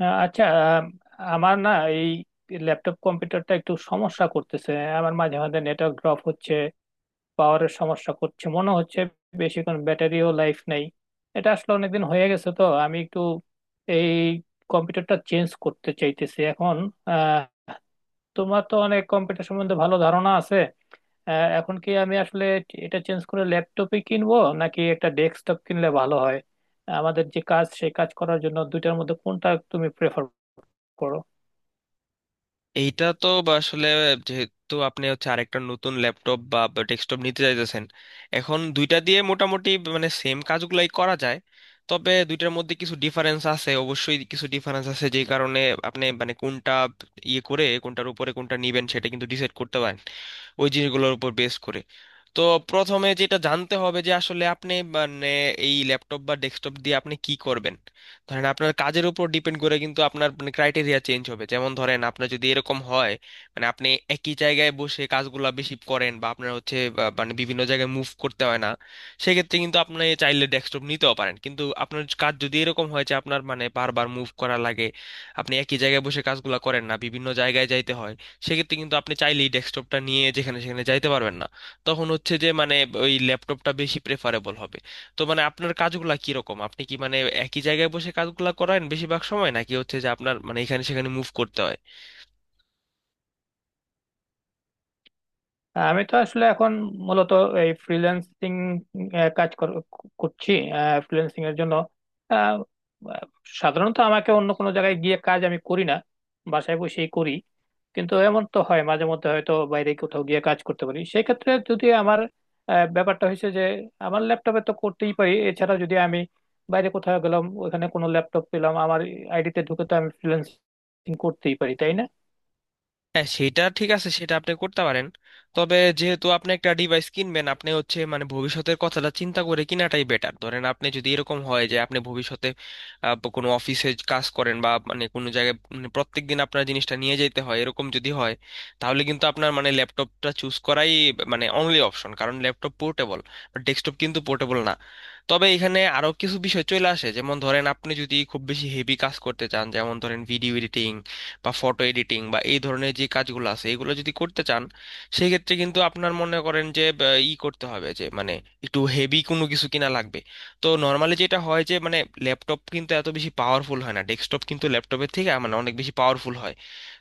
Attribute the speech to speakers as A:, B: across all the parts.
A: আচ্ছা। আম, আমার না এই ল্যাপটপ কম্পিউটারটা একটু সমস্যা করতেছে। আমার মাঝে মাঝে নেটওয়ার্ক ড্রপ হচ্ছে, পাওয়ারের সমস্যা করছে মনে হচ্ছে, বেশিক্ষণ ব্যাটারিও লাইফ নেই। এটা আসলে অনেকদিন হয়ে গেছে, তো আমি একটু এই কম্পিউটারটা চেঞ্জ করতে চাইতেছি এখন। আহ, তোমার তো অনেক কম্পিউটার সম্বন্ধে ভালো ধারণা আছে। এখন কি আমি আসলে এটা চেঞ্জ করে ল্যাপটপই কিনবো নাকি একটা ডেস্কটপ কিনলে ভালো হয়? আমাদের যে কাজ সেই কাজ করার জন্য দুইটার মধ্যে কোনটা তুমি প্রেফার করো?
B: এইটা তো আসলে যেহেতু আপনি হচ্ছে আরেকটা নতুন ল্যাপটপ বা ডেস্কটপ নিতে চাইতেছেন এখন দুইটা দিয়ে মোটামুটি মানে সেম কাজগুলাই করা যায়। তবে দুইটার মধ্যে কিছু ডিফারেন্স আছে, অবশ্যই কিছু ডিফারেন্স আছে যেই কারণে আপনি মানে কোনটা ইয়ে করে কোনটার উপরে কোনটা নিবেন সেটা কিন্তু ডিসাইড করতে পারেন ওই জিনিসগুলোর উপর বেস করে। তো প্রথমে যেটা জানতে হবে যে আসলে আপনি মানে এই ল্যাপটপ বা ডেস্কটপ দিয়ে আপনি কি করবেন। ধরেন আপনার কাজের উপর ডিপেন্ড করে কিন্তু আপনার মানে ক্রাইটেরিয়া চেঞ্জ হবে, যেমন ধরেন আপনার যদি এরকম হয় মানে আপনি একই জায়গায় বসে কাজগুলা বেশি করেন বা আপনার হচ্ছে মানে বিভিন্ন জায়গায় মুভ করতে হয় না, সেক্ষেত্রে কিন্তু আপনি চাইলে ডেস্কটপ নিতেও পারেন। কিন্তু আপনার কাজ যদি এরকম হয় যে আপনার মানে বারবার মুভ করা লাগে, আপনি একই জায়গায় বসে কাজগুলা করেন না, বিভিন্ন জায়গায় যাইতে হয়, সেক্ষেত্রে কিন্তু আপনি চাইলেই ডেস্কটপটা নিয়ে যেখানে সেখানে যাইতে পারবেন না। তখন হচ্ছে যে মানে ওই ল্যাপটপটা বেশি প্রেফারেবল হবে। তো মানে আপনার কাজগুলা কিরকম, আপনি কি মানে একই জায়গায় বসে কাজগুলা করেন বেশিরভাগ সময় নাকি হচ্ছে যে আপনার মানে এখানে সেখানে মুভ করতে হয়?
A: হ্যাঁ, আমি তো আসলে এখন মূলত এই ফ্রিল্যান্সিং কাজ কর- করছি, ফ্রিল্যান্সিং এর জন্য। আহ, আহ, সাধারণত আমাকে অন্য কোনো জায়গায় গিয়ে কাজ আমি করি না, বাসায় বসেই করি। কিন্তু এমন তো হয় মাঝে মধ্যে হয়তো বাইরে কোথাও গিয়ে কাজ করতে পারি, সেই ক্ষেত্রে যদি আমার ব্যাপারটা হয়েছে যে আমার ল্যাপটপে তো করতেই পারি, এছাড়া যদি আমি বাইরে কোথাও গেলাম ওখানে কোনো ল্যাপটপ পেলাম আমার আইডিতে ঢুকে তো আমি ফ্রিল্যান্সিং করতেই পারি তাই না?
B: হ্যাঁ সেটা ঠিক আছে, সেটা আপনি করতে পারেন। তবে যেহেতু আপনি একটা ডিভাইস কিনবেন আপনি হচ্ছে মানে ভবিষ্যতের কথাটা চিন্তা করে কিনাটাই বেটার। ধরেন আপনি যদি এরকম হয় যে আপনি ভবিষ্যতে কোনো অফিসে কাজ করেন বা মানে কোনো জায়গায় মানে প্রত্যেক দিন আপনার জিনিসটা নিয়ে যেতে হয়, এরকম যদি হয় তাহলে কিন্তু আপনার মানে ল্যাপটপটা চুজ করাই মানে অনলি অপশন, কারণ ল্যাপটপ পোর্টেবল, ডেস্কটপ কিন্তু পোর্টেবল না। তবে এখানে আরো কিছু বিষয় চলে আসে, যেমন ধরেন আপনি যদি খুব বেশি হেভি কাজ করতে চান, যেমন ধরেন ভিডিও এডিটিং বা ফটো এডিটিং বা এই ধরনের যে কাজগুলো আছে এগুলো যদি করতে চান সেই ক্ষেত্রে কিন্তু আপনার মনে করেন যে ই করতে হবে যে মানে একটু হেভি কোনো কিছু কিনা লাগবে। তো নর্মালি যেটা হয় যে মানে ল্যাপটপ কিন্তু এত বেশি পাওয়ারফুল হয় না, ডেস্কটপ কিন্তু ল্যাপটপের থেকে মানে অনেক বেশি পাওয়ারফুল হয়।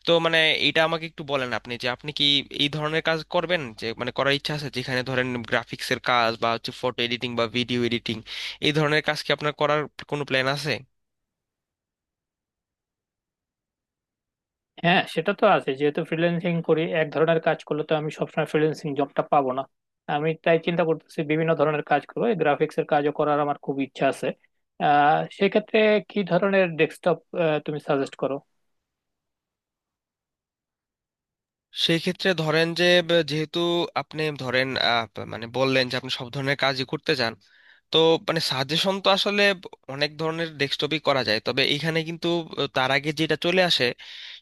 B: তো মানে এটা আমাকে একটু বলেন আপনি, যে আপনি কি এই ধরনের কাজ করবেন, যে মানে করার ইচ্ছা আছে, যেখানে ধরেন গ্রাফিক্সের কাজ বা হচ্ছে ফটো এডিটিং বা ভিডিও এডিটিং এই ধরনের কাজ কি আপনার করার কোনো প্ল্যান আছে?
A: হ্যাঁ, সেটা তো আছে। যেহেতু ফ্রিল্যান্সিং করি, এক ধরনের কাজ করলে তো আমি সবসময় ফ্রিল্যান্সিং জবটা পাবো না। আমি তাই চিন্তা করতেছি বিভিন্ন ধরনের কাজ করবো, গ্রাফিক্স এর কাজও করার আমার খুব ইচ্ছা আছে। সেক্ষেত্রে কি ধরনের ডেস্কটপ তুমি সাজেস্ট করো?
B: সেই ক্ষেত্রে ধরেন যে যেহেতু আপনি ধরেন মানে বললেন যে আপনি সব ধরনের কাজই করতে চান। তো মানে সাজেশন তো আসলে অনেক ধরনের ডেস্কটপই করা যায়, তবে এইখানে কিন্তু তার আগে যেটা চলে আসে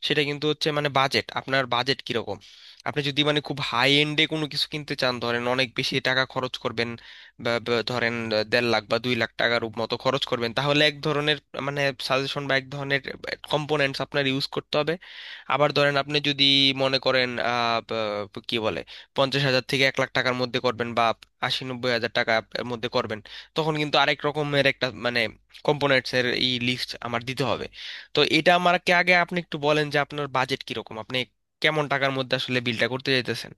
B: সেটা কিন্তু হচ্ছে মানে বাজেট, আপনার বাজেট কিরকম। আপনি যদি মানে খুব হাই এন্ডে কোনো কিছু কিনতে চান, ধরেন অনেক বেশি টাকা খরচ করবেন বা বা ধরেন 1.5 লাখ বা 2 লাখ টাকার মতো খরচ করবেন, তাহলে এক ধরনের মানে সাজেশন বা এক ধরনের কম্পোনেন্টস আপনার ইউজ করতে হবে। আবার ধরেন আপনি যদি মনে করেন কি বলে 50 হাজার থেকে 1 লাখ টাকার মধ্যে করবেন বা 80-90 হাজার টাকার মধ্যে করবেন, তখন কিন্তু আরেক রকমের একটা মানে কম্পোনেন্টস এর এই লিস্ট আমার দিতে হবে। তো এটা আমাকে আগে আপনি একটু বলেন যে আপনার বাজেট কিরকম, আপনি কেমন টাকার মধ্যে আসলে বিলটা করতে চাইতেছেন।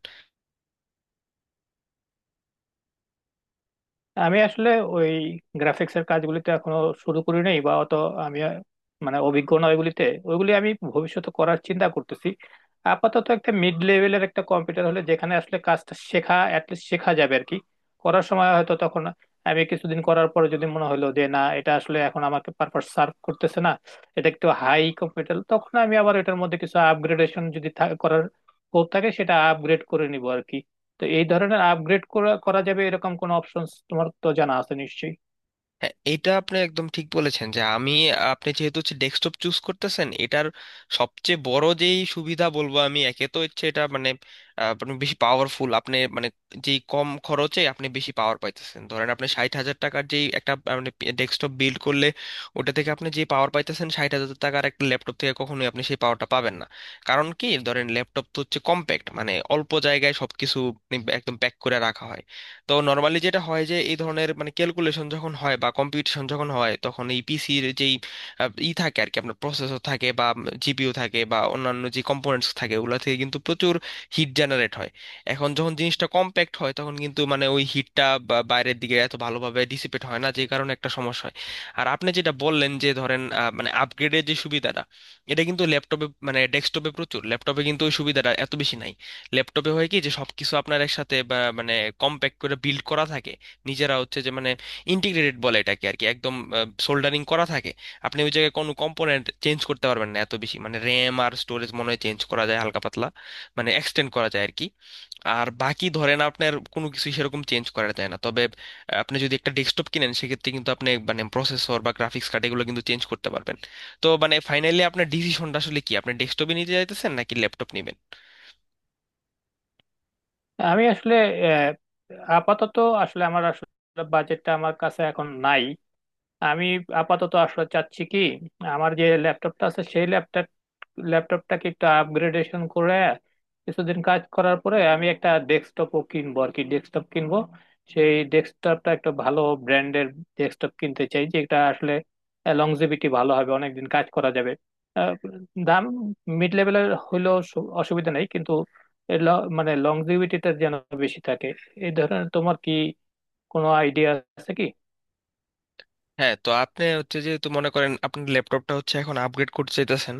A: আমি আসলে ওই গ্রাফিক্স এর কাজগুলিতে এখনো শুরু করি নাই বা অত আমি মানে অভিজ্ঞ না ওইগুলিতে। ওইগুলি আমি ভবিষ্যতে করার চিন্তা করতেছি। আপাতত একটা মিড লেভেলের একটা কম্পিউটার হলে যেখানে আসলে কাজটা শেখা, অ্যাটলিস্ট শেখা যাবে আর কি। করার সময় হয়তো তখন আমি কিছুদিন করার পরে যদি মনে হলো যে না, এটা আসলে এখন আমাকে পারপাস সার্ভ করতেছে না, এটা একটু হাই কম্পিউটার, তখন আমি আবার এটার মধ্যে কিছু আপগ্রেডেশন যদি করার হোক থাকে, সেটা আপগ্রেড করে নিব আর কি। তো এই ধরনের আপগ্রেড করা করা যাবে এরকম কোনো অপশনস তোমার তো জানা আছে নিশ্চয়ই?
B: হ্যাঁ, এটা আপনি একদম ঠিক বলেছেন যে আমি আপনি যেহেতু হচ্ছে ডেস্কটপ চুজ করতেছেন, এটার সবচেয়ে বড় যেই সুবিধা বলবো আমি, একে তো হচ্ছে এটা মানে আপনি বেশি পাওয়ারফুল, আপনি মানে যেই কম খরচে আপনি বেশি পাওয়ার পাইতেছেন। ধরেন আপনি 60 হাজার টাকার যেই একটা মানে ডেস্কটপ বিল্ড করলে ওটা থেকে আপনি যে পাওয়ার পাইতেছেন, 60 হাজার টাকার একটা ল্যাপটপ থেকে কখনোই আপনি সেই পাওয়ারটা পাবেন না। কারণ কি, ধরেন ল্যাপটপ তো হচ্ছে কম্প্যাক্ট, মানে অল্প জায়গায় সবকিছু একদম প্যাক করে রাখা হয়। তো নর্মালি যেটা হয় যে এই ধরনের মানে ক্যালকুলেশন যখন হয় বা কম্পিটিশন যখন হয় তখন এই পিসির যেই ই থাকে আর কি, আপনার প্রসেসর থাকে বা জিপিইউ থাকে বা অন্যান্য যে কম্পোনেন্টস থাকে, ওগুলো থেকে কিন্তু প্রচুর হিট জেনারেট হয়। এখন যখন জিনিসটা কম্প্যাক্ট হয় তখন কিন্তু মানে ওই হিটটা বাইরের দিকে এত ভালোভাবে ডিসিপেট হয় না, যে কারণে একটা সমস্যা হয়। আর আপনি যেটা বললেন যে ধরেন মানে আপগ্রেডের যে সুবিধাটা, এটা কিন্তু ল্যাপটপে মানে ডেস্কটপে প্রচুর, ল্যাপটপে কিন্তু ওই সুবিধাটা এত বেশি নাই। ল্যাপটপে হয় কি যে সবকিছু আপনার একসাথে বা মানে কম্প্যাক্ট করে বিল্ড করা থাকে, নিজেরা হচ্ছে যে মানে ইন্টিগ্রেটেড বলে এটাকে আর কি, একদম সোল্ডারিং করা থাকে। আপনি ওই জায়গায় কোনো কম্পোনেন্ট চেঞ্জ করতে পারবেন না এত বেশি, মানে র্যাম আর স্টোরেজ মনে হয় চেঞ্জ করা যায় হালকা পাতলা মানে এক্সটেন্ড করা যায় আর কি, আর বাকি ধরেন আপনার কোনো কিছু সেরকম চেঞ্জ করা যায় না। তবে আপনি যদি একটা ডেস্কটপ কিনেন সেক্ষেত্রে কিন্তু আপনি মানে প্রসেসর বা গ্রাফিক্স কার্ড এগুলো কিন্তু চেঞ্জ করতে পারবেন। তো মানে ফাইনালি আপনার ডিসিশনটা আসলে কি, আপনি ডেস্কটপে নিতে চাইতেছেন নাকি ল্যাপটপ নেবেন?
A: আমি আসলে আহ, আপাতত আসলে আমার আসলে বাজেটটা আমার কাছে এখন নাই। আমি আপাতত আসলে চাচ্ছি কি, আমার যে ল্যাপটপটা আছে সেই ল্যাপটপটাকে একটু আপগ্রেডেশন করে কিছুদিন কাজ করার পরে আমি একটা ডেস্কটপও কিনবো আর কি। ডেস্কটপ কিনবো, সেই ডেস্কটপটা একটা ভালো ব্র্যান্ডের ডেস্কটপ কিনতে চাই যেটা আসলে লংজিভিটি ভালো হবে, অনেকদিন কাজ করা যাবে। আহ, দাম মিড লেভেলের হইলেও অসুবিধা নেই, কিন্তু এর ল- মানে লংজিভিটিটা যেন বেশি থাকে। এই ধরনের তোমার কি কোনো আইডিয়া আছে কি
B: হ্যাঁ, তো আপনি হচ্ছে যেহেতু মনে করেন আপনার ল্যাপটপটা হচ্ছে এখন আপগ্রেড করতে চাইতেছেন,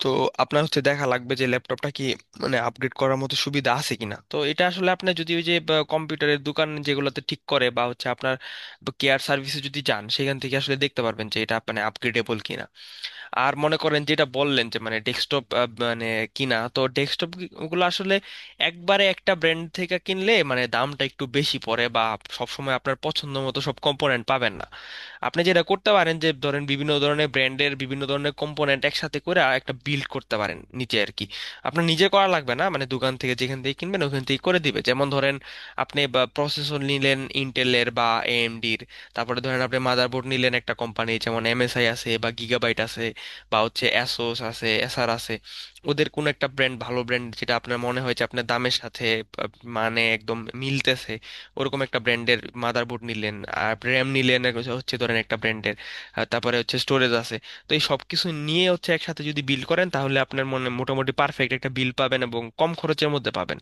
B: তো আপনার হচ্ছে দেখা লাগবে যে ল্যাপটপটা কি মানে আপগ্রেড করার মতো সুবিধা আছে কিনা। তো এটা আসলে আপনি যদি ওই যে কম্পিউটারের দোকান যেগুলোতে ঠিক করে বা হচ্ছে আপনার কেয়ার সার্ভিসে যদি যান সেখান থেকে আসলে দেখতে পারবেন যে এটা মানে আপগ্রেডেবল কিনা। আর মনে করেন যেটা বললেন যে মানে ডেস্কটপ মানে কিনা, তো ডেস্কটপ গুলো আসলে একবারে একটা ব্র্যান্ড থেকে কিনলে মানে দামটা একটু বেশি পড়ে বা সবসময় আপনার পছন্দ মতো সব কম্পোনেন্ট পাবেন না। আপনি যেটা করতে পারেন যে ধরেন বিভিন্ন ধরনের ব্র্যান্ডের বিভিন্ন ধরনের কম্পোনেন্ট একসাথে করে আর একটা বিল্ড করতে পারেন নিচে আর কি। আপনার নিজে করা লাগবে না, মানে দোকান থেকে যেখান থেকে কিনবেন ওখান থেকে করে দিবে। যেমন ধরেন আপনি প্রসেসর নিলেন ইন্টেলের বা এএমডির, তারপরে ধরেন আপনি মাদারবোর্ড নিলেন একটা কোম্পানি, যেমন এমএসআই আছে বা গিগাবাইট আছে বা হচ্ছে অ্যাসোস আছে, এসার আছে, ওদের কোনো একটা ব্র্যান্ড, ভালো ব্র্যান্ড যেটা আপনার মনে হয় যে আপনার দামের সাথে আহ, মানে একদম মিলতেছে, ওরকম একটা ব্র্যান্ডের মাদারবোর্ড নিলেন, আর র্যাম নিলেন আর হচ্ছে হচ্ছে ধরেন একটা ব্র্যান্ডের, তারপরে হচ্ছে স্টোরেজ আছে। তো এই সব কিছু নিয়ে হচ্ছে একসাথে যদি বিল করেন তাহলে আপনার মনে মোটামুটি পারফেক্ট একটা বিল পাবেন এবং কম খরচের মধ্যে পাবেন।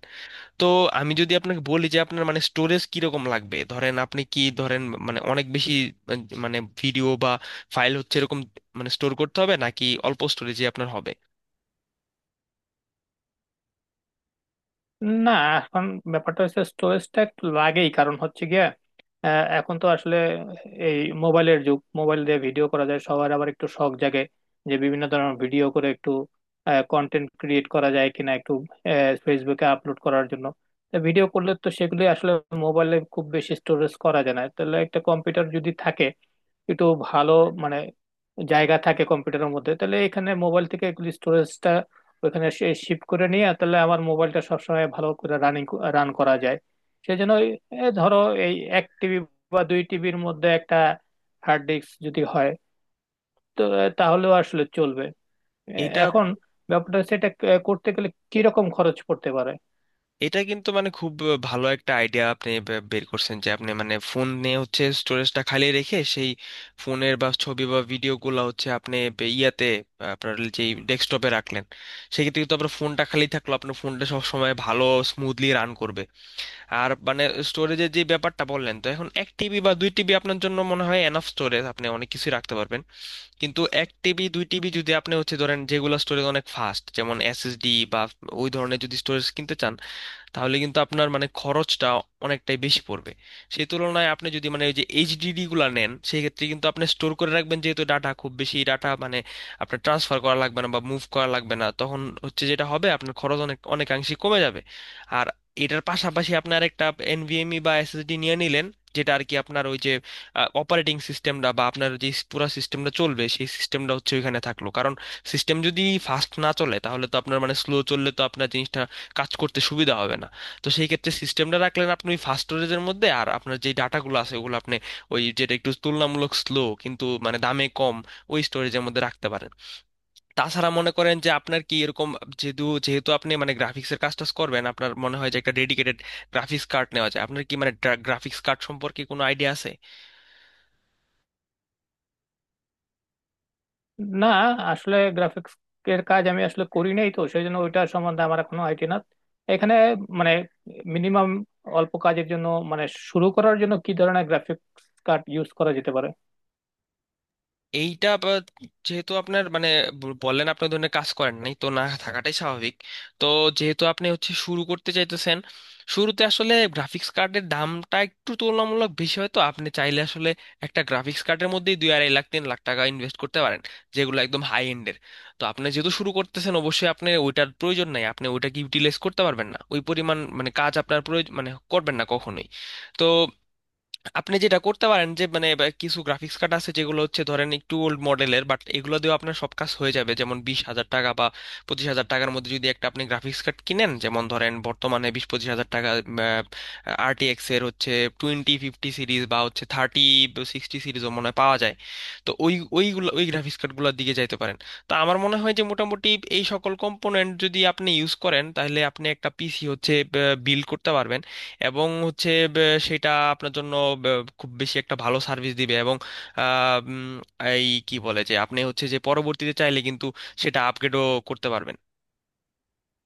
B: তো আমি যদি আপনাকে বলি যে আপনার মানে স্টোরেজ কিরকম লাগবে, ধরেন আপনি কি ধরেন মানে অনেক বেশি আহ, মানে ভিডিও বা ফাইল হচ্ছে এরকম মানে স্টোর করতে হবে নাকি অল্প স্টোরেজে আপনার হবে?
A: না? এখন ব্যাপারটা হচ্ছে স্টোরেজটা একটু লাগেই, কারণ হচ্ছে গিয়ে এখন তো আসলে এই মোবাইলের যুগ। মোবাইল দিয়ে ভিডিও করা যায়, সবার আবার একটু শখ জাগে যে বিভিন্ন ধরনের ভিডিও করে একটু কন্টেন্ট ক্রিয়েট করা যায় কিনা, একটু ফেসবুকে আপলোড করার জন্য। ভিডিও করলে তো সেগুলি আসলে মোবাইলে খুব বেশি স্টোরেজ করা যায় না। তাহলে একটা কম্পিউটার যদি থাকে একটু ভালো মানে জায়গা থাকে কম্পিউটারের মধ্যে, তাহলে এখানে মোবাইল থেকে এগুলি তো এখানে শিফট করে নিয়ে তাহলে আমার মোবাইলটা সবসময় ভালো করে রান করা যায়। সেই জন্য ধরো এই 1 টিবি বা 2 টিবির মধ্যে একটা হার্ড ডিস্ক যদি হয় তো তাহলেও আসলে চলবে। এ,
B: এটা
A: এখন ব্যাপারটা হচ্ছে এটা করতে গেলে কিরকম খরচ পড়তে পারে?
B: এটা কিন্তু মানে খুব ভালো একটা আইডিয়া আপনি বের করছেন, যে আপনি মানে ফোন নিয়ে হচ্ছে স্টোরেজটা খালি রেখে সেই ফোনের বা ছবি বা ভিডিওগুলো হচ্ছে আপনি ইয়াতে আপনার যেই ডেস্কটপে রাখলেন, সেক্ষেত্রে কিন্তু আপনার ফোনটা খালি থাকলো, আপনার ফোনটা সব সময় ভালো স্মুথলি রান করবে। আর মানে স্টোরেজের যে ব্যাপারটা বললেন, তো এখন 1 টিবি বা 2 টিবি আপনার জন্য মনে হয় এনাফ স্টোরেজ, আপনি অনেক কিছুই রাখতে পারবেন। কিন্তু 1 টিবি 2 টিবি যদি আপনি হচ্ছে ধরেন যেগুলো স্টোরেজ অনেক ফাস্ট যেমন এসএসডি বা ওই ধরনের যদি স্টোরেজ কিনতে চান, তাহলে কিন্তু আপনার মানে খরচটা অনেকটাই বেশি পড়বে। সেই তুলনায় আপনি যদি মানে ওই যে এইচডিডি গুলা নেন সেই ক্ষেত্রে কিন্তু আপনি স্টোর করে রাখবেন, যেহেতু ডাটা খুব বেশি ডাটা মানে আপনার ট্রান্সফার করা লাগবে না বা মুভ করা লাগবে না, তখন হচ্ছে যেটা হবে আপনার খরচ অনেক অনেকাংশে কমে যাবে। আর এটার পাশাপাশি আপনার একটা এনভিএমই বা এসএসডি নিয়ে নিলেন যেটা আর কি আপনার ওই যে অপারেটিং সিস্টেমটা বা আপনার যে পুরো সিস্টেমটা চলবে, সেই সিস্টেমটা হচ্ছে ওইখানে থাকলো, কারণ সিস্টেম যদি ফাস্ট না চলে তাহলে তো আপনার মানে স্লো চললে তো আপনার জিনিসটা কাজ করতে সুবিধা হবে না। তো সেই ক্ষেত্রে সিস্টেমটা রাখলেন আপনি ওই ফাস্ট স্টোরেজের মধ্যে, আর আপনার যে ডাটাগুলো আছে ওগুলো আপনি ওই যেটা একটু তুলনামূলক স্লো কিন্তু মানে দামে কম, ওই স্টোরেজের মধ্যে রাখতে পারেন। তাছাড়া মনে করেন যে আপনার কি এরকম, যেহেতু যেহেতু আপনি মানে গ্রাফিক্সের কাজ টাজ করবেন, আপনার মনে হয় যে একটা ডেডিকেটেড গ্রাফিক্স কার্ড নেওয়া যায়। আপনার কি মানে গ্রাফিক্স কার্ড সম্পর্কে কোনো আইডিয়া আছে?
A: না, আসলে গ্রাফিক্স এর কাজ আমি আসলে করি নাই তো সেই জন্য ওইটা সম্বন্ধে আমার এখনো আইডিয়া না। এখানে মানে মিনিমাম অল্প কাজের জন্য, মানে শুরু করার জন্য কি ধরনের গ্রাফিক্স কার্ড ইউজ করা যেতে পারে?
B: এইটা আবার যেহেতু আপনার মানে বললেন আপনি ওই ধরনের কাজ করেন নাই, তো না থাকাটাই স্বাভাবিক। তো যেহেতু আপনি হচ্ছে শুরু করতে চাইতেছেন, শুরুতে আসলে গ্রাফিক্স কার্ডের দামটা একটু তুলনামূলক বেশি হয়। তো আপনি চাইলে আসলে একটা গ্রাফিক্স কার্ডের মধ্যেই 2-2.5 লাখ 3 লাখ টাকা ইনভেস্ট করতে পারেন, যেগুলো একদম হাই এন্ডের। তো আপনি যেহেতু শুরু করতেছেন অবশ্যই আপনি ওইটার প্রয়োজন নাই, আপনি ওইটাকে ইউটিলাইজ করতে পারবেন না, ওই পরিমাণ মানে কাজ আপনার প্রয়োজন মানে করবেন না কখনোই। তো আপনি যেটা করতে পারেন যে মানে বা কিছু গ্রাফিক্স কার্ড আছে যেগুলো হচ্ছে ধরেন একটু ওল্ড মডেলের, বাট এগুলো দিয়েও আপনার সব কাজ হয়ে যাবে। যেমন 20 হাজার টাকা বা 25 হাজার টাকার মধ্যে যদি একটা আপনি গ্রাফিক্স কার্ড কিনেন, যেমন ধরেন বর্তমানে 20-25 হাজার টাকা RTX এর হচ্ছে 2050 সিরিজ বা হচ্ছে 3060 সিরিজও মনে হয় পাওয়া যায়। তো ওইগুলো ওই গ্রাফিক্স কার্ডগুলোর দিকে যাইতে পারেন। তো আমার মনে হয় যে মোটামুটি এই সকল কম্পোনেন্ট যদি আপনি ইউজ করেন তাহলে আপনি একটা পিসি হচ্ছে বিল্ড করতে পারবেন। এবং হচ্ছে বে- সেটা আপনার জন্য খুব বেশি একটা ভালো সার্ভিস দিবে, এবং আহ, উম, এই কি বলে যে আপনি হচ্ছে যে পরবর্তীতে চাইলে কিন্তু সেটা আপগ্রেডও করতে পারবেন।